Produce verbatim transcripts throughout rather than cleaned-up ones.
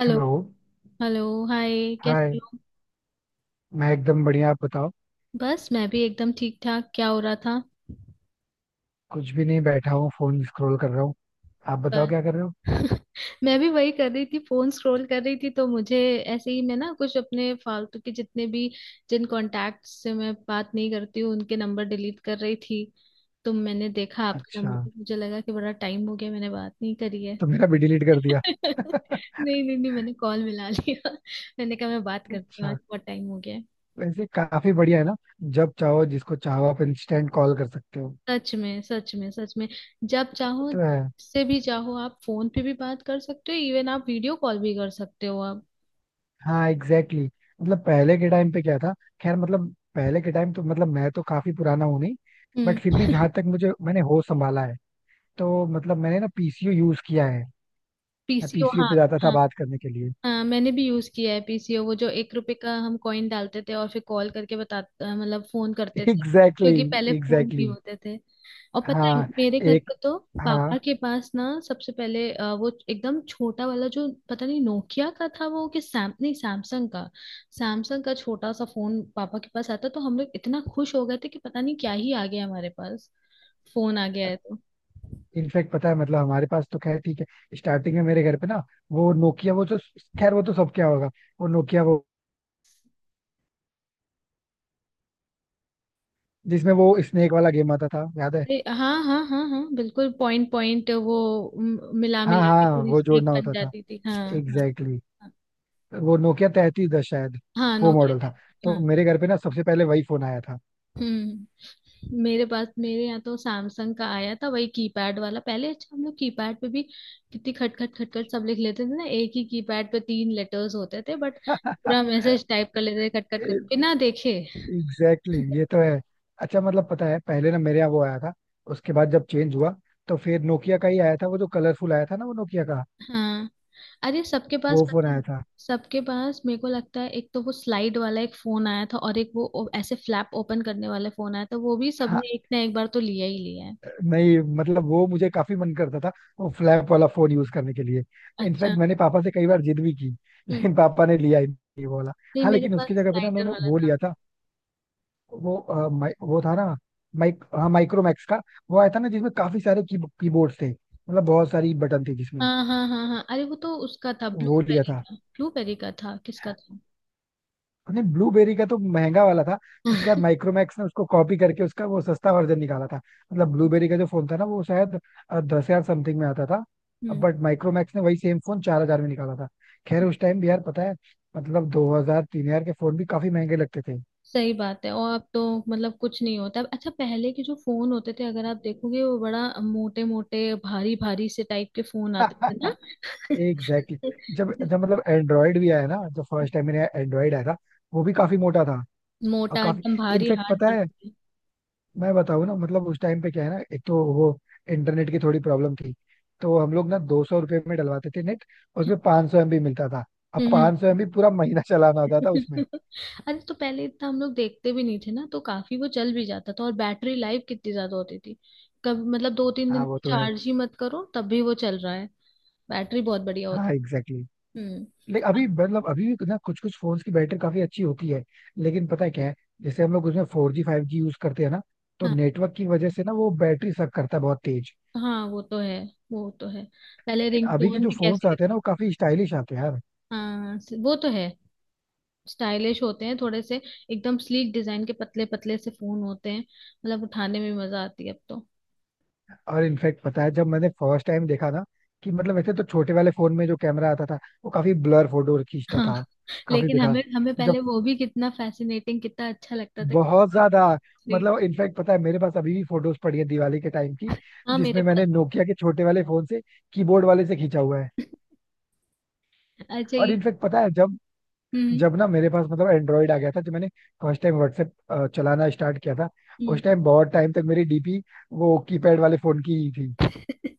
Hello. Hello. Hello. Hi, कैसी hi, हो? मैं एकदम बढ़िया. आप बताओ. बस, मैं भी एकदम ठीक ठाक। क्या हो रहा था? कुछ भी नहीं, बैठा हूँ फोन स्क्रॉल कर रहा हूँ. आप बताओ पर क्या कर रहे हो. मैं भी वही कर रही थी, फोन स्क्रॉल कर रही थी। तो मुझे ऐसे ही, मैं ना कुछ अपने फालतू के जितने भी, जिन कॉन्टैक्ट से मैं बात नहीं करती हूँ, उनके नंबर डिलीट कर रही थी। तो मैंने देखा आपका अच्छा, नंबर, मुझे लगा कि बड़ा टाइम हो गया मैंने बात नहीं करी है। तो मेरा भी डिलीट कर दिया. नहीं नहीं नहीं, मैंने कॉल मिला लिया। मैंने कहा मैं बात करती हूँ, आज अच्छा, बहुत टाइम हो गया। वैसे काफी बढ़िया है ना. जब चाहो जिसको चाहो आप इंस्टेंट कॉल कर सकते हो. सच में, सच में, सच में, जब ये चाहो तो है. से भी चाहो आप फोन पे भी बात कर सकते हो, इवन आप वीडियो कॉल भी कर सकते हो अब। हाँ एग्जैक्टली exactly. मतलब पहले के टाइम पे क्या था. खैर, मतलब पहले के टाइम तो मतलब मैं तो काफी पुराना हूँ नहीं, बट फिर हम्म। भी जहां तक मुझे मैंने होश संभाला है, तो मतलब मैंने ना पी सी ओ यूज किया है. मैं पीसीओ, पी सी ओ हाँ। पे जाता था हाँ। बात करने के लिए. हाँ, मैंने भी यूज किया है पीसीओ, वो जो एक रुपए का हम कॉइन डालते थे और फिर कॉल करके बताते, मतलब फोन करते थे। एग्जैक्टली क्योंकि exactly, पहले फोन भी एग्जैक्टली exactly. होते थे, और पता है हाँ, मेरे घर एक, पे तो हाँ, पापा के पास ना सबसे पहले अ, वो एकदम छोटा वाला जो, पता नहीं नोकिया का था वो कि सैम नहीं, सैमसंग का। सैमसंग का छोटा सा फोन पापा के पास आता, तो हम लोग इतना खुश हो गए थे कि पता नहीं क्या ही आ गया हमारे पास, फोन आ गया है तो। इनफैक्ट पता है, मतलब हमारे पास तो खैर ठीक है. स्टार्टिंग में मेरे घर पे ना वो नोकिया वो जो, खैर वो तो सब क्या होगा. वो नोकिया वो जिसमें वो स्नेक वाला गेम आता था, याद है. अरे हाँ हाँ हाँ हाँ बिल्कुल, पॉइंट पॉइंट वो म- मिला हाँ मिला के हाँ, पूरी वो स्नेक जोड़ना बन होता था. जाती थी। हाँ हाँ, एग्जैक्टली exactly. हाँ वो नोकिया तैतीस दस शायद हाँ, वो मॉडल नोकिया था. तो हाँ। मेरे घर पे ना सबसे पहले वही फोन आया था. हम्म। मेरे पास, मेरे यहाँ तो सैमसंग का आया था, वही कीपैड वाला पहले। अच्छा, हम लोग कीपैड पे भी कितनी खट खट खट खट सब लिख लेते थे ना, एक ही कीपैड पे तीन लेटर्स होते थे, बट पूरा मैसेज टाइप कर लेते थे, खट खट खट बिना देखे। एग्जैक्टली exactly, ये तो है. अच्छा, मतलब पता है पहले ना मेरे यहाँ वो आया था. उसके बाद जब चेंज हुआ तो फिर नोकिया का ही आया था, वो जो कलरफुल आया था ना वो नोकिया का, हाँ। अरे सबके पास, वो फोन पता आया है था. सबके पास, मेरे को लगता है एक तो वो स्लाइड वाला एक फोन आया था, और एक वो ओ- ऐसे फ्लैप ओपन करने वाला फोन आया था, वो भी हाँ, सबने एक ना एक बार तो लिया ही लिया है। नहीं मतलब वो मुझे काफी मन करता था, वो फ्लैप वाला फोन यूज करने के लिए. अच्छा। इनफैक्ट मैंने पापा से कई बार जिद भी की, हम्म। लेकिन पापा ने लिया ही नहीं वो वाला. नहीं, हाँ, मेरे लेकिन पास उसकी जगह पे ना स्लाइडर उन्होंने वाला वो था। लिया था. वो अ, माइ, वो था ना, माइक, हाँ माइक्रोमैक्स का. वो आया था ना जिसमें काफी सारे की, कीबोर्ड थे, मतलब बहुत सारी बटन थे जिसमें, हाँ हाँ हाँ हाँ, अरे वो तो उसका था, वो लिया ब्लूबेरी था. का, ब्लूबेरी का था, किसका था? नहीं, ब्लूबेरी का तो महंगा वाला था. उसके बाद माइक्रोमैक्स ने उसको कॉपी करके उसका वो सस्ता वर्जन निकाला था. मतलब ब्लूबेरी का जो फोन था ना वो शायद दस हजार समथिंग में आता था, हम्म। बट माइक्रोमैक्स ने वही सेम फोन चार हजार में निकाला था. खैर, उस टाइम भी यार पता है, मतलब दो हजार तीन हजार के फोन भी काफी महंगे लगते थे. सही बात है, और अब तो मतलब कुछ नहीं होता अब। अच्छा, पहले के जो फोन होते थे अगर आप देखोगे, वो बड़ा मोटे मोटे भारी भारी से टाइप के फोन आते थे एग्जैक्टली exactly. ना। जब जब मतलब एंड्रॉयड भी आया ना, जब फर्स्ट टाइम मैंने एंड्रॉयड आया था, वो भी काफी मोटा था. और मोटा, अब काफी, एकदम भारी, इनफेक्ट हाथ पता दर्द है, होते मैं बताऊँ ना, मतलब उस टाइम पे क्या है ना, एक तो वो इंटरनेट की थोड़ी प्रॉब्लम थी. तो हम लोग ना दो सौ रुपये में डलवाते थे नेट, हैं। उसमें पाँच सौ एमबी मिलता था. अब हम्म। पाँच सौ एम बी पूरा महीना चलाना होता था उसमें. अरे, तो पहले इतना हम लोग देखते भी नहीं थे ना, तो काफी वो चल भी जाता था। और बैटरी लाइफ कितनी ज्यादा होती थी, कब मतलब दो तीन दिन हाँ, वो तो है. चार्ज ही मत करो, तब भी वो चल रहा है। बैटरी बहुत बढ़िया होती। हाँ एग्जैक्टली exactly. हम्म। लेकिन अभी, अब- मतलब अभी भी ना कुछ कुछ फोन्स की बैटरी काफी अच्छी होती है. लेकिन पता है क्या है, जैसे हम लोग उसमें four G five G use करते हैं ना, तो हाँ, नेटवर्क की वजह से ना वो बैटरी सक करता है बहुत तेज. हाँ वो तो है, वो तो है। पहले लेकिन अभी के रिंगटोन जो भी फोन्स कैसी आते हैं ना, लगती। वो काफी स्टाइलिश आते हैं यार. हाँ, स- वो तो है, स्टाइलिश होते हैं थोड़े से, एकदम स्लीक डिजाइन के पतले पतले से फोन होते हैं, मतलब उठाने में मजा आती है अब तो। और इनफैक्ट पता है, जब मैंने फर्स्ट टाइम देखा ना, कि मतलब वैसे तो छोटे वाले फोन में जो कैमरा आता था वो काफी ब्लर फोटो खींचता हाँ। था. काफी लेकिन हमें बेकार. हमें पहले जब, वो भी कितना फैसिनेटिंग, कितना अच्छा लगता था। बहुत ज्यादा, मतलब इनफैक्ट पता है मेरे पास अभी भी फोटोज पड़ी है दिवाली के टाइम की, हाँ मेरे जिसमें पास मैंने नोकिया के छोटे वाले फोन से, कीबोर्ड वाले से खींचा हुआ है. है। अच्छा और ये। इनफैक्ट पता है जब, हम्म। जब ना मेरे पास मतलब एंड्रॉइड आ गया था, जब मैंने फर्स्ट टाइम व्हाट्सएप चलाना स्टार्ट किया था, हम्म। उस टाइम बहुत टाइम तक मेरी डी पी वो कीपैड वाले फोन की ही थी.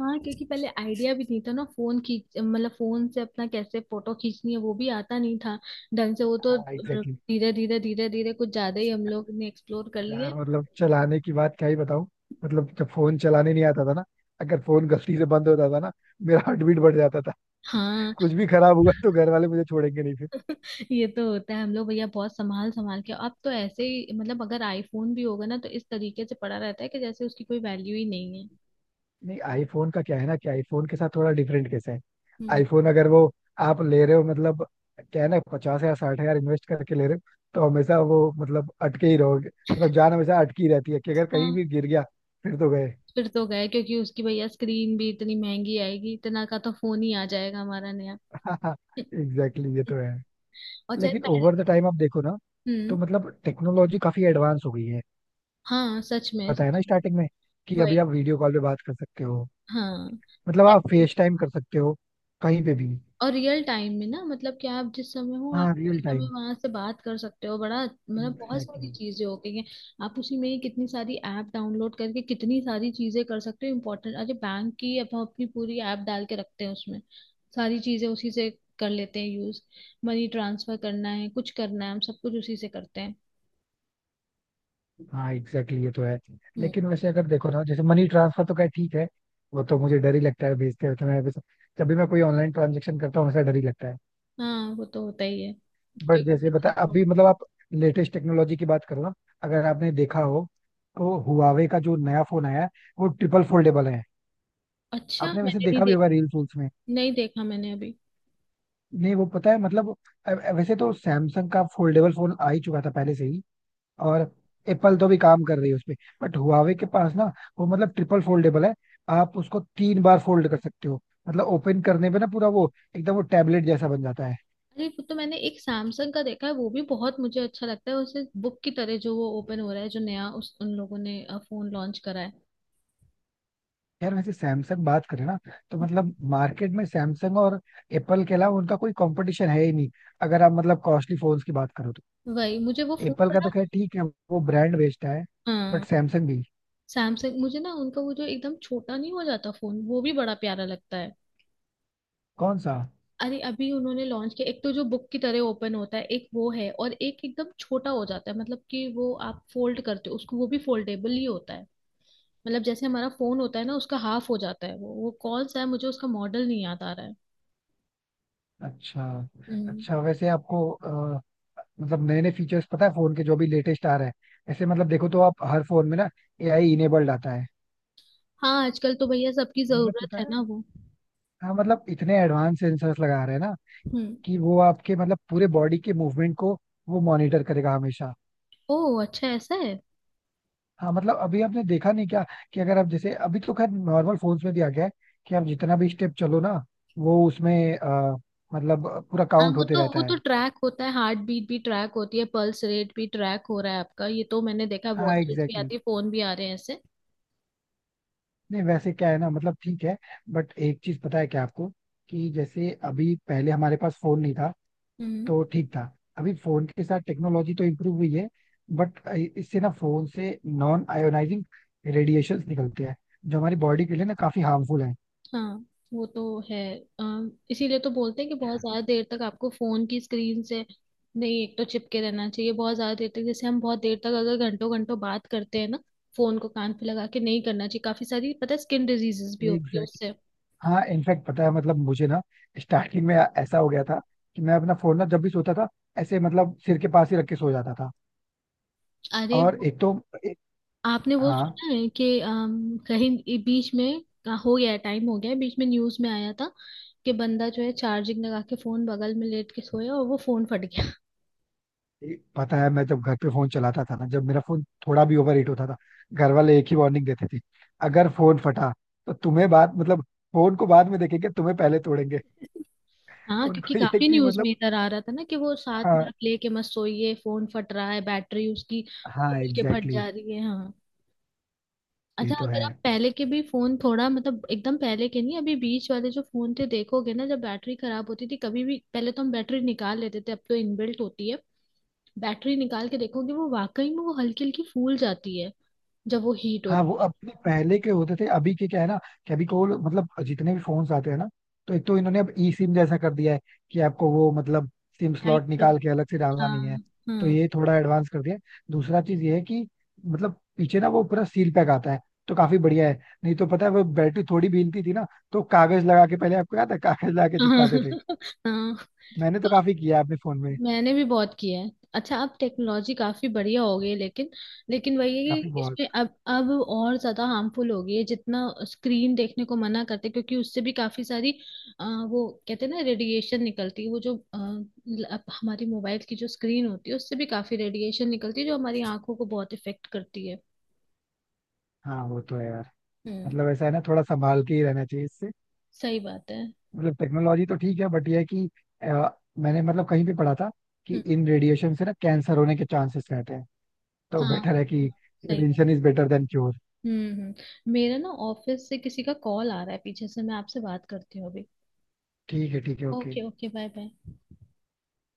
हाँ, क्योंकि पहले आइडिया भी नहीं था ना, फोन खींच मतलब फोन से अपना कैसे फोटो खींचनी है वो भी आता नहीं था ढंग से, वो तो हाँ, धीरे धीरे धीरे धीरे कुछ ज्यादा ही हम लोग ने एक्सप्लोर कर लिए। यार मतलब चलाने की बात क्या ही बताऊं. मतलब जब फोन चलाने नहीं आता था ना, अगर फोन गलती से बंद होता था ना, मेरा हार्ट बीट बढ़ जाता था. हाँ, कुछ भी खराब हुआ तो घर वाले मुझे छोड़ेंगे नहीं फिर. ये तो होता है। हम लोग भैया बहुत संभाल संभाल के, अब तो ऐसे ही, मतलब अगर आईफोन भी होगा ना, तो इस तरीके से पड़ा रहता है कि जैसे उसकी कोई वैल्यू ही नहीं है। नहीं, आईफोन का क्या है ना, कि आईफोन के साथ थोड़ा डिफरेंट कैसे है. हम्म। आईफोन अगर वो आप ले रहे हो, मतलब क्या है ना पचास या साठ हजार इन्वेस्ट करके ले रहे हो, तो हमेशा वो मतलब अटके ही रहोगे. मतलब जान हमेशा अटकी रहती है कि अगर कहीं हाँ। भी गिर गया फिर तो गए. फिर तो गए, क्योंकि उसकी भैया स्क्रीन भी इतनी महंगी आएगी, इतना का तो फोन ही आ जाएगा हमारा नया। एग्जैक्टली exactly, ये तो है. और चाहे लेकिन पहले। ओवर द टाइम आप देखो ना, तो हम्म। मतलब टेक्नोलॉजी काफी एडवांस हो गई है. हाँ सच में, पता है सच ना में। स्टार्टिंग में, कि वही। अभी आप वीडियो कॉल पे बात कर सकते हो, हाँ। मतलब आप फेस टाइम कर सकते हो कहीं पे भी. और रियल टाइम में ना, मतलब कि आप जिस समय हो आप हाँ, रियल उसी समय टाइम, वहां से बात कर सकते हो, बड़ा मतलब बहुत सारी एग्जैक्टली. चीजें हो गई हैं। आप उसी में ही कितनी सारी ऐप डाउनलोड करके कितनी सारी चीजें कर सकते हो, इम्पोर्टेंट, अरे बैंक की अब हम अपनी पूरी ऐप डाल के रखते हैं उसमें। सारी चीजें उसी से कर लेते हैं यूज। मनी ट्रांसफर करना है, कुछ करना है, हम सब कुछ उसी से करते हैं। हाँ एग्जैक्टली, ये तो है. हम्म। लेकिन वैसे अगर देखो ना, जैसे मनी ट्रांसफर तो क्या ठीक है, वो तो मुझे डर ही लगता है भेजते हुए. मैं जब भी मैं कोई ऑनलाइन ट्रांजेक्शन करता हूँ, ऐसा डर ही लगता है. हाँ, वो तो होता ही है, बट क्योंकि। जैसे बता अभी, मतलब आप लेटेस्ट टेक्नोलॉजी की बात करो ना, अगर आपने देखा हो, तो हुआवे का जो नया फोन आया है वो ट्रिपल फोल्डेबल है. अच्छा, आपने वैसे मैंने नहीं देखा भी देख। होगा रील फूल्स में. नहीं देखा मैंने अभी। नहीं, वो पता है मतलब अ- अ- वैसे तो सैमसंग का फोल्डेबल फोन आ ही चुका था पहले से ही. और एप्पल तो भी काम कर रही है उस पे. बट हुआवे के पास ना, वो मतलब ट्रिपल फोल्डेबल है. आप उसको तीन बार फोल्ड कर सकते हो. मतलब ओपन करने पे ना पूरा वो एकदम वो टैबलेट जैसा बन जाता है. अरे, वो तो मैंने एक सैमसंग का देखा है, वो भी बहुत मुझे अच्छा लगता है, उसे बुक की तरह जो वो ओपन हो रहा है, जो नया उस उन लोगों ने फोन लॉन्च करा है। यार वैसे सैमसंग बात करें ना, तो मतलब मार्केट में सैमसंग और एप्पल के अलावा उनका कोई कंपटीशन है ही नहीं, अगर आप मतलब कॉस्टली फोन्स की बात करो तो. वही मुझे वो फोन एप्पल का बड़ा। तो खैर ठीक है, वो ब्रांड बेचता है. बट हाँ। सैमसंग भी. सैमसंग, मुझे ना उनका वो जो एकदम छोटा नहीं हो जाता फोन, वो भी बड़ा प्यारा लगता है। कौन सा. अरे अभी उन्होंने लॉन्च किया एक तो, जो बुक की तरह ओपन होता है एक वो है, और एक एकदम छोटा हो जाता है, मतलब कि वो आप फोल्ड करते हो उसको, वो भी फोल्डेबल ही होता है। मतलब जैसे हमारा फोन होता है ना, उसका हाफ हो जाता है वो वो कौन सा है, मुझे उसका मॉडल नहीं याद आ रहा है। अच्छा. हम्म। अच्छा वैसे आपको अ, मतलब नए नए फीचर्स पता है फोन के जो भी लेटेस्ट आ रहे हैं, ऐसे मतलब देखो तो आप हर फोन में ना ए आई इनेबल्ड आता है. हाँ आजकल तो भैया सबकी मतलब जरूरत पता है है, ना वो। हाँ मतलब इतने एडवांस सेंसर्स लगा रहे हैं ना, हम्म। कि वो आपके मतलब पूरे बॉडी के मूवमेंट को वो मॉनिटर करेगा हमेशा. ओह अच्छा, ऐसा है। हाँ मतलब अभी आपने देखा नहीं क्या, कि अगर आप जैसे, अभी तो खैर नॉर्मल फोन्स में भी आ गया है कि आप जितना भी स्टेप चलो ना, वो उसमें अ, मतलब पूरा हाँ काउंट वो होते तो, रहता वो तो है. ट्रैक होता है, हार्ट बीट भी ट्रैक होती है, पल्स रेट भी ट्रैक हो रहा है आपका, ये तो मैंने देखा है। हाँ वॉचेस भी एग्जैक्टली. आती है, फोन भी आ रहे हैं ऐसे। नहीं वैसे क्या है ना, मतलब ठीक है, बट एक चीज पता है क्या आपको, कि जैसे अभी, पहले हमारे पास फोन नहीं था हम्म। तो ठीक था. अभी फोन के साथ टेक्नोलॉजी तो इम्प्रूव हुई है, बट इससे ना फोन से नॉन आयोनाइजिंग रेडिएशंस निकलते हैं, जो हमारी बॉडी के लिए ना काफी हार्मफुल है. हाँ वो तो है। अम, इसीलिए तो बोलते हैं कि बहुत ज्यादा देर तक आपको फोन की स्क्रीन से नहीं, एक तो चिपके रहना चाहिए बहुत ज्यादा देर तक, जैसे हम बहुत देर तक अगर घंटों घंटों बात करते हैं ना, फोन को कान पे लगा के नहीं करना चाहिए, काफी सारी पता है स्किन डिजीजेस भी होती है एग्जैक्ट, उससे। हाँ इनफैक्ट पता है, मतलब मुझे ना स्टार्टिंग में ऐसा हो गया था कि मैं अपना फोन ना जब भी सोता था ऐसे मतलब सिर के पास ही रख के सो जाता था. अरे और एक तो, एक, आपने वो हाँ सुना है कि अम, कहीं ये बीच में आ, हो गया, टाइम हो गया है, बीच में न्यूज में आया था कि बंदा जो है चार्जिंग लगा के फोन बगल में लेट के सोया, और वो फोन फट गया। ये पता है, मैं जब घर पे फोन चलाता था ना, जब मेरा फोन थोड़ा भी ओवर हीट होता था, घर वाले एक ही वार्निंग देते थे, अगर फोन फटा तो तुम्हें बात मतलब फोन को बाद में देखेंगे, तुम्हें पहले तोड़ेंगे. हाँ, क्योंकि उनको ये है काफी कि न्यूज मतलब में इधर आ रहा था ना, कि वो साथ में हाँ, आप लेके मत सोइए, फोन फट रहा है, बैटरी उसकी हाँ खोल के फट एग्जैक्टली जा रही है। हाँ। exactly, ये अच्छा, तो अगर है. आप पहले के भी फोन थोड़ा मतलब, एकदम पहले के नहीं, अभी बीच वाले जो फोन थे देखोगे ना, जब बैटरी खराब होती थी कभी भी, पहले तो हम बैटरी निकाल लेते थे, अब तो इनबिल्ट होती है। बैटरी निकाल के देखोगे वो वाकई में वो हल्की हल्की फूल जाती है, जब वो हीट हाँ वो होती है। अपने पहले के होते थे. अभी के क्या है ना, कि अभी को मतलब जितने भी फोन्स आते हैं ना, तो एक तो इन्होंने अब ई सिम जैसा कर दिया है, कि आपको वो मतलब सिम बाइक स्लॉट लो। निकाल के अलग से डालना हाँ। नहीं है. तो हाँ। ये थोड़ा एडवांस कर दिया है. दूसरा चीज ये है कि मतलब पीछे ना वो पूरा सील पैक आता है तो काफी बढ़िया है. नहीं तो पता है वो बैटरी थोड़ी भी हिलती थी ना, तो कागज लगा के, पहले आपको याद है, कागज लगा के हाँ। चिपकाते थे. हाँ। मैंने तो तो अब, काफी किया है अपने फोन में. मैंने भी बहुत किया है। अच्छा अब टेक्नोलॉजी काफी बढ़िया हो गई है, लेकिन लेकिन वही है काफी कि बहुत. इसमें अब, अब और ज्यादा हार्मफुल हो गई है, जितना स्क्रीन देखने को मना करते हैं, क्योंकि उससे भी काफी सारी अ, वो कहते हैं ना रेडिएशन निकलती है, वो जो अ, ल- अब हमारी मोबाइल की जो स्क्रीन होती है उससे भी काफी रेडिएशन निकलती है, जो हमारी आंखों को बहुत इफेक्ट करती है। हाँ वो तो है यार. हम्म। मतलब ऐसा है ना, थोड़ा संभाल के ही रहना चाहिए इससे. सही बात है। मतलब टेक्नोलॉजी तो ठीक है, बट ये है कि अ, मैंने मतलब कहीं भी पढ़ा था कि हम्म। इन रेडिएशन से ना कैंसर होने के चांसेस रहते हैं. तो हाँ, बेटर है कि सही बात। Prevention is better than cure. हम्म, हम्म, मेरा ना ऑफिस से किसी का कॉल आ रहा है पीछे से, मैं आपसे बात करती हूँ अभी। ठीक है, ठीक है, okay. Okay, okay, bye bye.